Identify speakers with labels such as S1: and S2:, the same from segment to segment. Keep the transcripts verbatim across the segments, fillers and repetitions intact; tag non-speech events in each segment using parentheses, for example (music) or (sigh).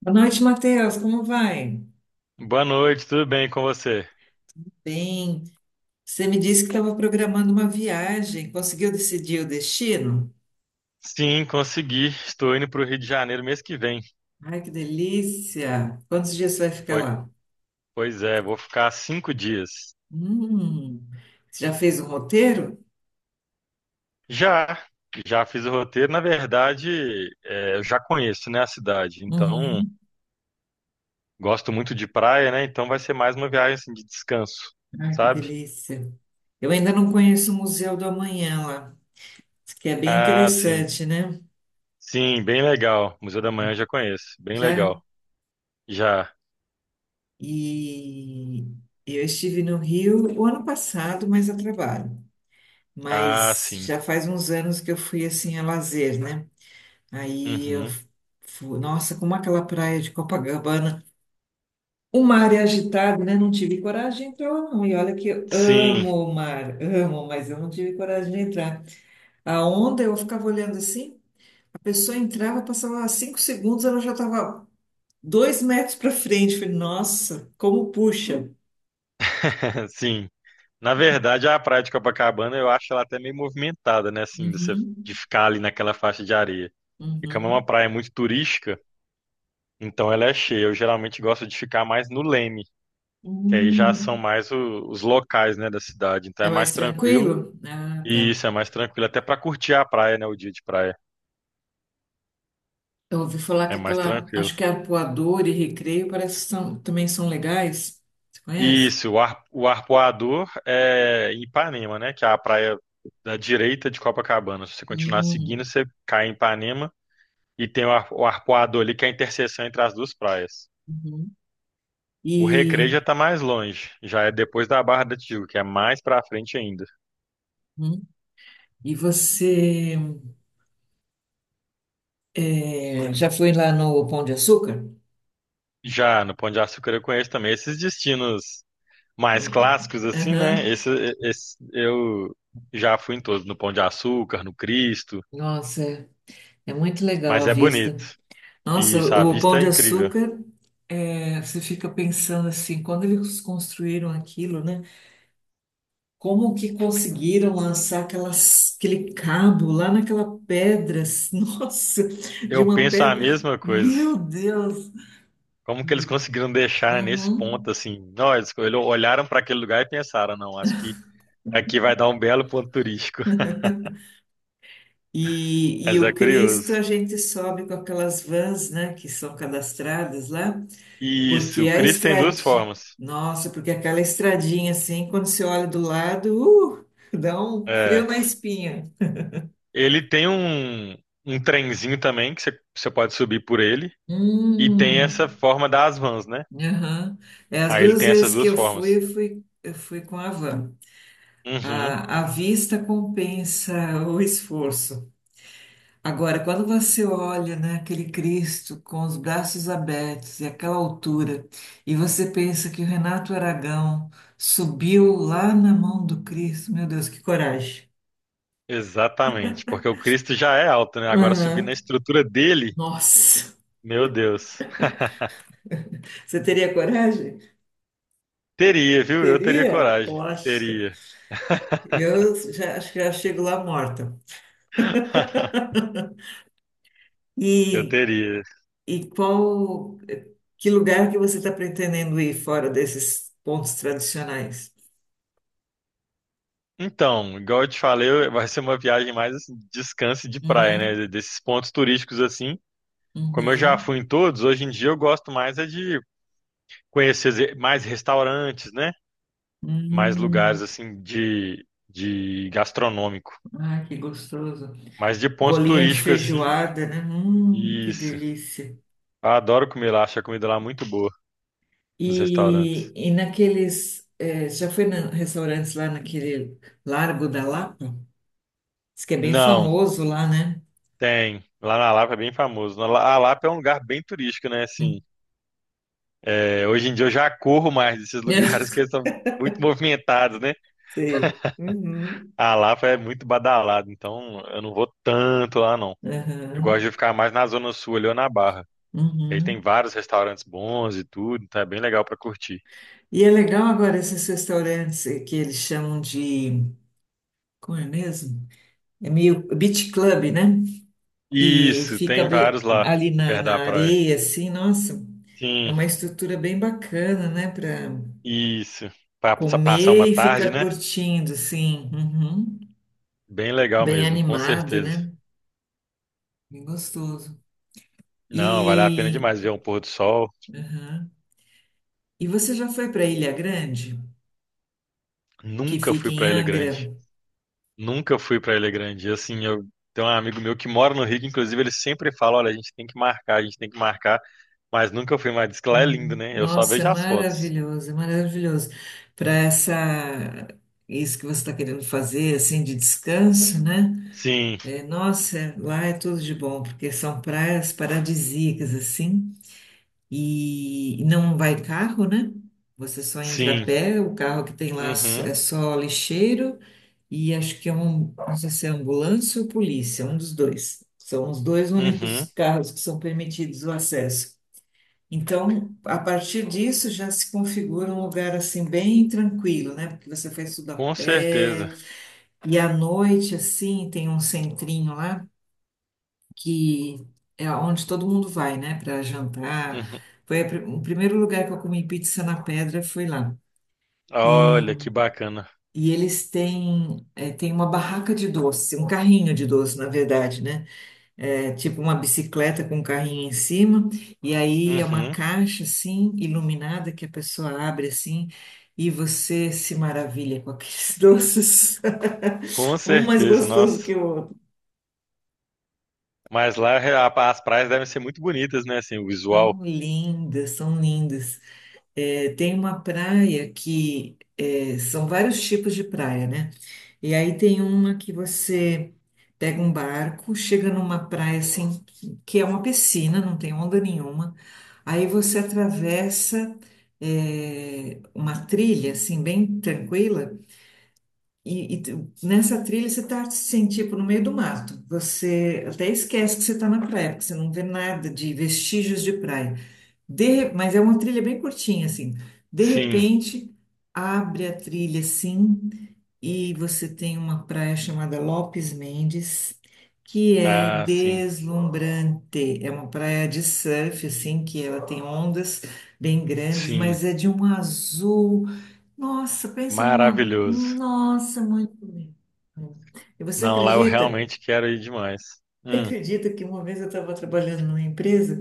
S1: Boa noite, Matheus. Como vai?
S2: Boa noite, tudo bem com você?
S1: Bem, você me disse que estava programando uma viagem. Conseguiu decidir o destino?
S2: Sim, consegui. Estou indo para o Rio de Janeiro mês que vem.
S1: Ai, que delícia! Quantos dias você vai ficar
S2: Poi-
S1: lá?
S2: Pois é, vou ficar cinco dias.
S1: Hum, você já fez o roteiro?
S2: Já, já fiz o roteiro. Na verdade, é, eu já conheço, né, a cidade. Então,
S1: Uhum.
S2: gosto muito de praia, né? Então, vai ser mais uma viagem assim, de descanso,
S1: Ai, que
S2: sabe?
S1: delícia! Eu ainda não conheço o Museu do Amanhã lá, que é bem
S2: Ah, sim.
S1: interessante, né?
S2: Sim, bem legal. Museu da Manhã eu já conheço. Bem
S1: Já?
S2: legal. Já.
S1: E eu estive no Rio o ano passado, mas a trabalho.
S2: Ah,
S1: Mas
S2: sim.
S1: já faz uns anos que eu fui assim a lazer, né? Aí eu
S2: Uhum.
S1: fui, nossa, como aquela praia de Copacabana, o mar é agitado, né? Não tive coragem de entrar lá, não. E olha que eu
S2: Sim,
S1: amo o mar, amo, mas eu não tive coragem de entrar. A onda, eu ficava olhando assim, a pessoa entrava, passava cinco segundos, ela já estava dois metros para frente. Eu falei, nossa, como puxa.
S2: (laughs) sim. Na verdade, a praia de Copacabana eu acho ela até meio movimentada, né? Assim, de, você, de
S1: Uhum,
S2: ficar ali naquela faixa de areia. E como é uma
S1: uhum.
S2: praia muito turística, então ela é cheia. Eu geralmente gosto de ficar mais no Leme, que aí já são
S1: Hum,
S2: mais o- os locais, né, da cidade. Então é
S1: é
S2: mais
S1: mais
S2: tranquilo.
S1: tranquilo? Ah,
S2: E
S1: tá.
S2: isso é mais tranquilo até para curtir a praia, né? O dia de praia
S1: Eu ouvi falar
S2: é
S1: que
S2: mais
S1: aquela,
S2: tranquilo.
S1: acho que Arpoador e Recreio parece que são, também são legais. Você conhece?
S2: Isso, o, Ar, o Arpoador é em Ipanema, né? Que é a praia da direita de Copacabana. Se você continuar seguindo,
S1: Hum,
S2: você cai em Ipanema. E tem o, ar- o Arpoador ali, que é a interseção entre as duas praias.
S1: uhum.
S2: O Recreio
S1: E,
S2: já tá mais longe, já é depois da Barra da Tijuca, que é mais pra frente ainda.
S1: uhum. E você é, já foi lá no Pão de Açúcar?
S2: Já no Pão de Açúcar eu conheço também esses destinos mais clássicos assim, né?
S1: Aham.
S2: Esse, esse- eu já fui em todos, no Pão de Açúcar, no Cristo,
S1: Nossa, é é muito legal a
S2: mas é
S1: vista.
S2: bonito.
S1: Nossa,
S2: E isso, a
S1: o o Pão
S2: vista é
S1: de
S2: incrível.
S1: Açúcar, é, você fica pensando assim, quando eles construíram aquilo, né? Como que conseguiram lançar aquelas, aquele cabo lá naquela pedra? (laughs) Nossa, de
S2: Eu
S1: uma
S2: penso a
S1: pedra.
S2: mesma coisa.
S1: Meu Deus!
S2: Como que eles conseguiram deixar nesse
S1: Uhum.
S2: ponto assim? Nós olharam para aquele lugar e pensaram, não, acho que aqui vai dar um belo ponto turístico.
S1: E, e
S2: Mas
S1: o
S2: é
S1: Cristo
S2: curioso.
S1: a gente sobe com aquelas vans, né, que são cadastradas lá,
S2: Isso,
S1: porque
S2: o
S1: a
S2: Chris tem duas
S1: estradinha,
S2: formas.
S1: nossa, porque aquela estradinha assim, quando você olha do lado, uh, dá um frio
S2: É,
S1: na espinha.
S2: ele tem um, um trenzinho também que você você pode subir por ele. E tem essa
S1: Hum,
S2: forma das vans, né?
S1: aham. É, as
S2: Aí ele
S1: duas
S2: tem essas
S1: vezes que
S2: duas
S1: eu fui,
S2: formas.
S1: eu fui, eu fui com a van.
S2: Uhum,
S1: A, a vista compensa o esforço. Agora, quando você olha, né, aquele Cristo com os braços abertos e aquela altura, e você pensa que o Renato Aragão subiu lá na mão do Cristo, meu Deus, que coragem!
S2: exatamente. Porque o Cristo já é alto, né? Agora subir na
S1: Aham.
S2: estrutura dele,
S1: Nossa.
S2: meu Deus.
S1: Você teria coragem?
S2: Teria, viu? Eu teria
S1: Teria?
S2: coragem.
S1: Poxa,
S2: Teria.
S1: eu já, acho que já chego lá morta.
S2: Eu
S1: E
S2: teria.
S1: e qual, que lugar que você está pretendendo ir fora desses pontos tradicionais?
S2: Então, igual eu te falei, eu- vai ser uma viagem mais assim, de descanso e de praia,
S1: Uhum,
S2: né? Desses pontos turísticos assim. Como eu já
S1: uhum.
S2: fui em todos, hoje em dia eu gosto mais é de conhecer ze- mais restaurantes, né? Mais lugares
S1: Hum,
S2: assim de, de gastronômico,
S1: ah, que gostoso.
S2: mas de pontos
S1: Bolinho de
S2: turísticos assim.
S1: feijoada, né? Hum, que
S2: Isso.
S1: delícia.
S2: Eu adoro comer lá, acho a comida lá muito boa nos
S1: E,
S2: restaurantes.
S1: e naqueles, eh, já foi na restaurantes lá naquele Largo da Lapa? Diz que é bem
S2: Não,
S1: famoso lá, né?
S2: tem. Lá na Lapa é bem famoso. Na La- A Lapa é um lugar bem turístico, né? Assim,
S1: Hum.
S2: é, hoje em dia eu já corro mais desses (laughs) lugares que eles
S1: (laughs)
S2: são muito movimentados, né?
S1: Sei. Uhum.
S2: A Lapa é muito badalado, então eu não vou tanto lá não. Eu gosto
S1: Aham.
S2: de ficar mais na Zona Sul ali ou na Barra. Aí tem
S1: Uhum.
S2: vários restaurantes bons e tudo, então é bem legal pra curtir.
S1: E é legal agora esses restaurantes eh, que eles chamam de, como é mesmo? É meio beach club, né? Que
S2: Isso,
S1: fica
S2: tem
S1: be-
S2: vários lá,
S1: ali na,
S2: perto da
S1: na
S2: praia.
S1: areia, assim, nossa, é
S2: Sim,
S1: uma estrutura bem bacana, né? Para
S2: isso. Pra pa- passar uma
S1: comer e
S2: tarde,
S1: ficar
S2: né?
S1: curtindo, assim, uhum.
S2: Bem legal
S1: Bem
S2: mesmo, com
S1: animado,
S2: certeza.
S1: né? Bem gostoso.
S2: Não, vale a pena
S1: E,
S2: demais ver um pôr do sol.
S1: aham. E você já foi para Ilha Grande, que
S2: Nunca
S1: fica
S2: fui
S1: em
S2: pra Ilha Grande.
S1: Angra?
S2: Nunca fui pra Ilha Grande. E, assim, eu tenho um amigo meu que mora no Rio, que, inclusive ele sempre fala, olha, a gente tem que marcar, a gente tem que marcar, mas nunca fui mais. Diz que lá é lindo,
S1: Uhum.
S2: né? Eu só
S1: Nossa, é
S2: vejo as fotos.
S1: maravilhoso, é maravilhoso. Para essa, isso que você está querendo fazer, assim, de descanso, né?
S2: Sim,
S1: É, nossa, lá é tudo de bom, porque são praias paradisíacas, assim, e não vai carro, né? Você só entra a
S2: sim.
S1: pé, o carro que tem lá só-
S2: Uhum,
S1: é só lixeiro, e acho que é um, não sei se é ambulância ou polícia, um dos dois. São os dois únicos
S2: uhum,
S1: carros que são permitidos o acesso. Então, a partir disso já se configura um lugar assim bem tranquilo, né? Porque você faz tudo a
S2: com certeza.
S1: pé e à noite assim tem um centrinho lá que é onde todo mundo vai, né? Para jantar.
S2: Uhum.
S1: Foi a pri- o primeiro lugar que eu comi pizza na pedra foi lá. E,
S2: Olha que bacana.
S1: e eles têm, é, tem uma barraca de doce, um carrinho de doce, na verdade, né? É tipo uma bicicleta com um carrinho em cima, e aí é uma
S2: Uhum,
S1: caixa assim, iluminada, que a pessoa abre assim, e você se maravilha com aqueles (laughs) doces,
S2: com
S1: um mais
S2: certeza,
S1: gostoso
S2: nossa.
S1: que o outro.
S2: Mas lá a- as praias devem ser muito bonitas, né? Assim, o visual.
S1: São lindas, são lindas. É, tem uma praia que é, são vários tipos de praia, né? E aí tem uma que você pega um barco, chega numa praia assim, que é uma piscina, não tem onda nenhuma. Aí você atravessa é, uma trilha assim, bem tranquila. E, e tu- nessa trilha você tá assim, tipo, no meio do mato. Você até esquece que você tá na praia, porque você não vê nada de vestígios de praia. De, mas é uma trilha bem curtinha, assim. De
S2: Sim,
S1: repente, abre a trilha, assim, e você tem uma praia chamada Lopes Mendes, que é
S2: ah, sim,
S1: deslumbrante. É uma praia de surf, assim, que ela tem ondas bem grandes,
S2: sim,
S1: mas é de um azul. Nossa, pensa numa.
S2: maravilhoso.
S1: Nossa, muito lindo. E você
S2: Não, lá eu
S1: acredita?
S2: realmente quero ir demais.
S1: Você
S2: Hum.
S1: acredita que uma vez eu estava trabalhando numa empresa?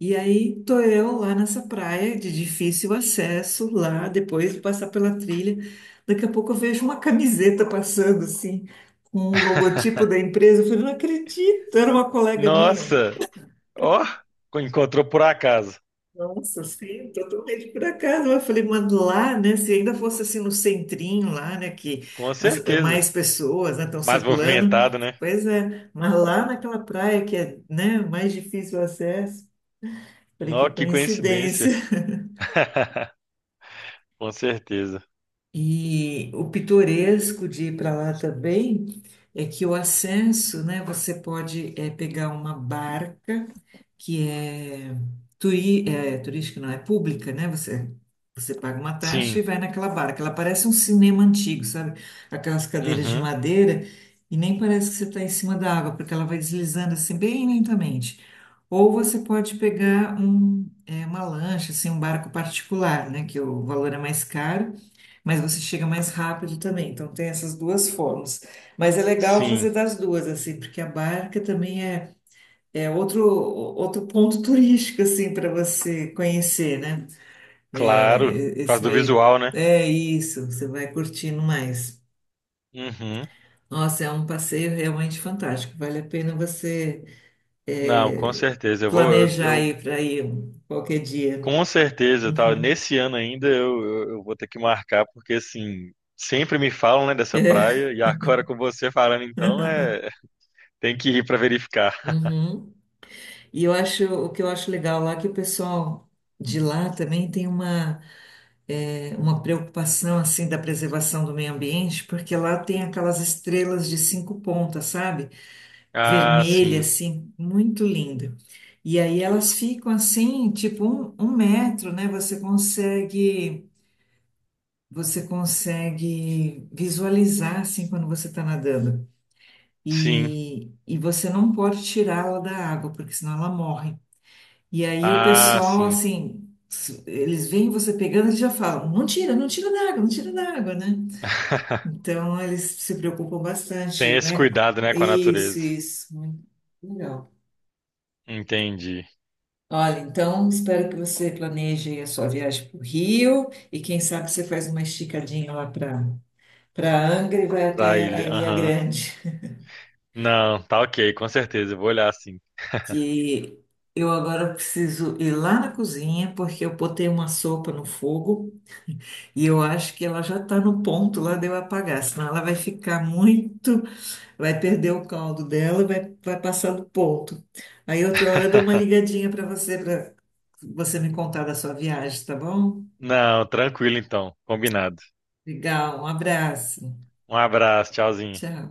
S1: E aí tô eu lá nessa praia de difícil acesso, lá depois de passar pela trilha. Daqui a pouco eu vejo uma camiseta passando assim, com o logotipo da empresa. Eu falei, não acredito, era uma colega minha.
S2: Nossa, ó, encontrou por acaso,
S1: Nossa, sim, totalmente por acaso. Eu falei, mas lá, né? Se ainda fosse assim no centrinho lá, né? Que
S2: com
S1: as-
S2: certeza.
S1: mais pessoas, né, estão
S2: Mais
S1: circulando.
S2: movimentado, né?
S1: Pois é, mas lá naquela praia que é, né, mais difícil o acesso. Falei,
S2: Nó,
S1: que
S2: que
S1: coincidência.
S2: coincidência.
S1: (laughs)
S2: (laughs) Com certeza.
S1: E o pitoresco de ir para lá também é que o ascenso, né, você pode eh, pegar uma barca que é, turi, é turística, não é pública, né? Você, você paga uma taxa e
S2: Sim,
S1: vai naquela barra, que ela parece um cinema antigo, sabe? Aquelas cadeiras de
S2: uhum,
S1: madeira, e nem parece que você está em cima da água, porque ela vai deslizando assim bem lentamente. Ou você pode pegar um, é, uma lancha, assim, um barco particular, né? Que o valor é mais caro, mas você chega mais rápido também. Então tem essas duas formas. Mas é legal
S2: sim.
S1: fazer das duas, assim, porque a barca também é é outro, outro ponto turístico, assim, para você conhecer, né?
S2: Claro,
S1: É,
S2: por
S1: esse
S2: causa do
S1: meio.
S2: visual, né?
S1: É isso, você vai curtindo mais.
S2: Uhum.
S1: Nossa, é um passeio realmente fantástico. Vale a pena você
S2: Não, com
S1: é,
S2: certeza. Eu vou, eu,
S1: planejar
S2: eu-
S1: aí para ir qualquer dia.
S2: com certeza, tá?
S1: Uhum.
S2: Nesse ano ainda eu, eu, eu vou ter que marcar, porque assim, sempre me falam, né, dessa
S1: É.
S2: praia, e agora com você falando, então, é, tem que ir para verificar.
S1: Uhum. E eu acho, o que eu acho legal lá é que o pessoal de lá também tem uma. É, uma preocupação assim da preservação do meio ambiente, porque lá tem aquelas estrelas de cinco pontas, sabe?
S2: Ah,
S1: Vermelha,
S2: sim,
S1: assim, muito linda. E aí elas ficam assim, tipo um, um metro, né? Você consegue, você consegue visualizar assim quando você está nadando.
S2: sim,
S1: E, e você não pode tirá-la da água, porque senão ela morre. E aí o
S2: ah,
S1: pessoal,
S2: sim.
S1: assim, s- eles veem você pegando e já falam, não tira, não tira da água, não tira da água, né?
S2: (laughs)
S1: Então, eles se preocupam
S2: Tem
S1: bastante,
S2: esse
S1: né?
S2: cuidado, né, com a
S1: Isso,
S2: natureza.
S1: isso. Muito legal.
S2: Entendi.
S1: Olha, então, espero que você planeje aí a sua viagem para o Rio e quem sabe você faz uma esticadinha lá para para Angra e vai
S2: Pra
S1: até a
S2: ilha,
S1: Ilha
S2: aham.
S1: Grande.
S2: Não, tá ok, com certeza, eu vou olhar sim.
S1: E eu agora preciso ir lá na cozinha porque eu botei uma sopa no fogo e eu acho que ela já está no ponto lá de eu apagar, senão ela vai ficar muito vai perder o caldo dela e vai, vai passar do ponto. Aí outra hora eu dou uma
S2: (laughs)
S1: ligadinha para você, para você me contar da sua viagem, tá bom?
S2: Não, tranquilo então, combinado.
S1: Legal, um abraço.
S2: Um abraço, tchauzinho.
S1: Tchau.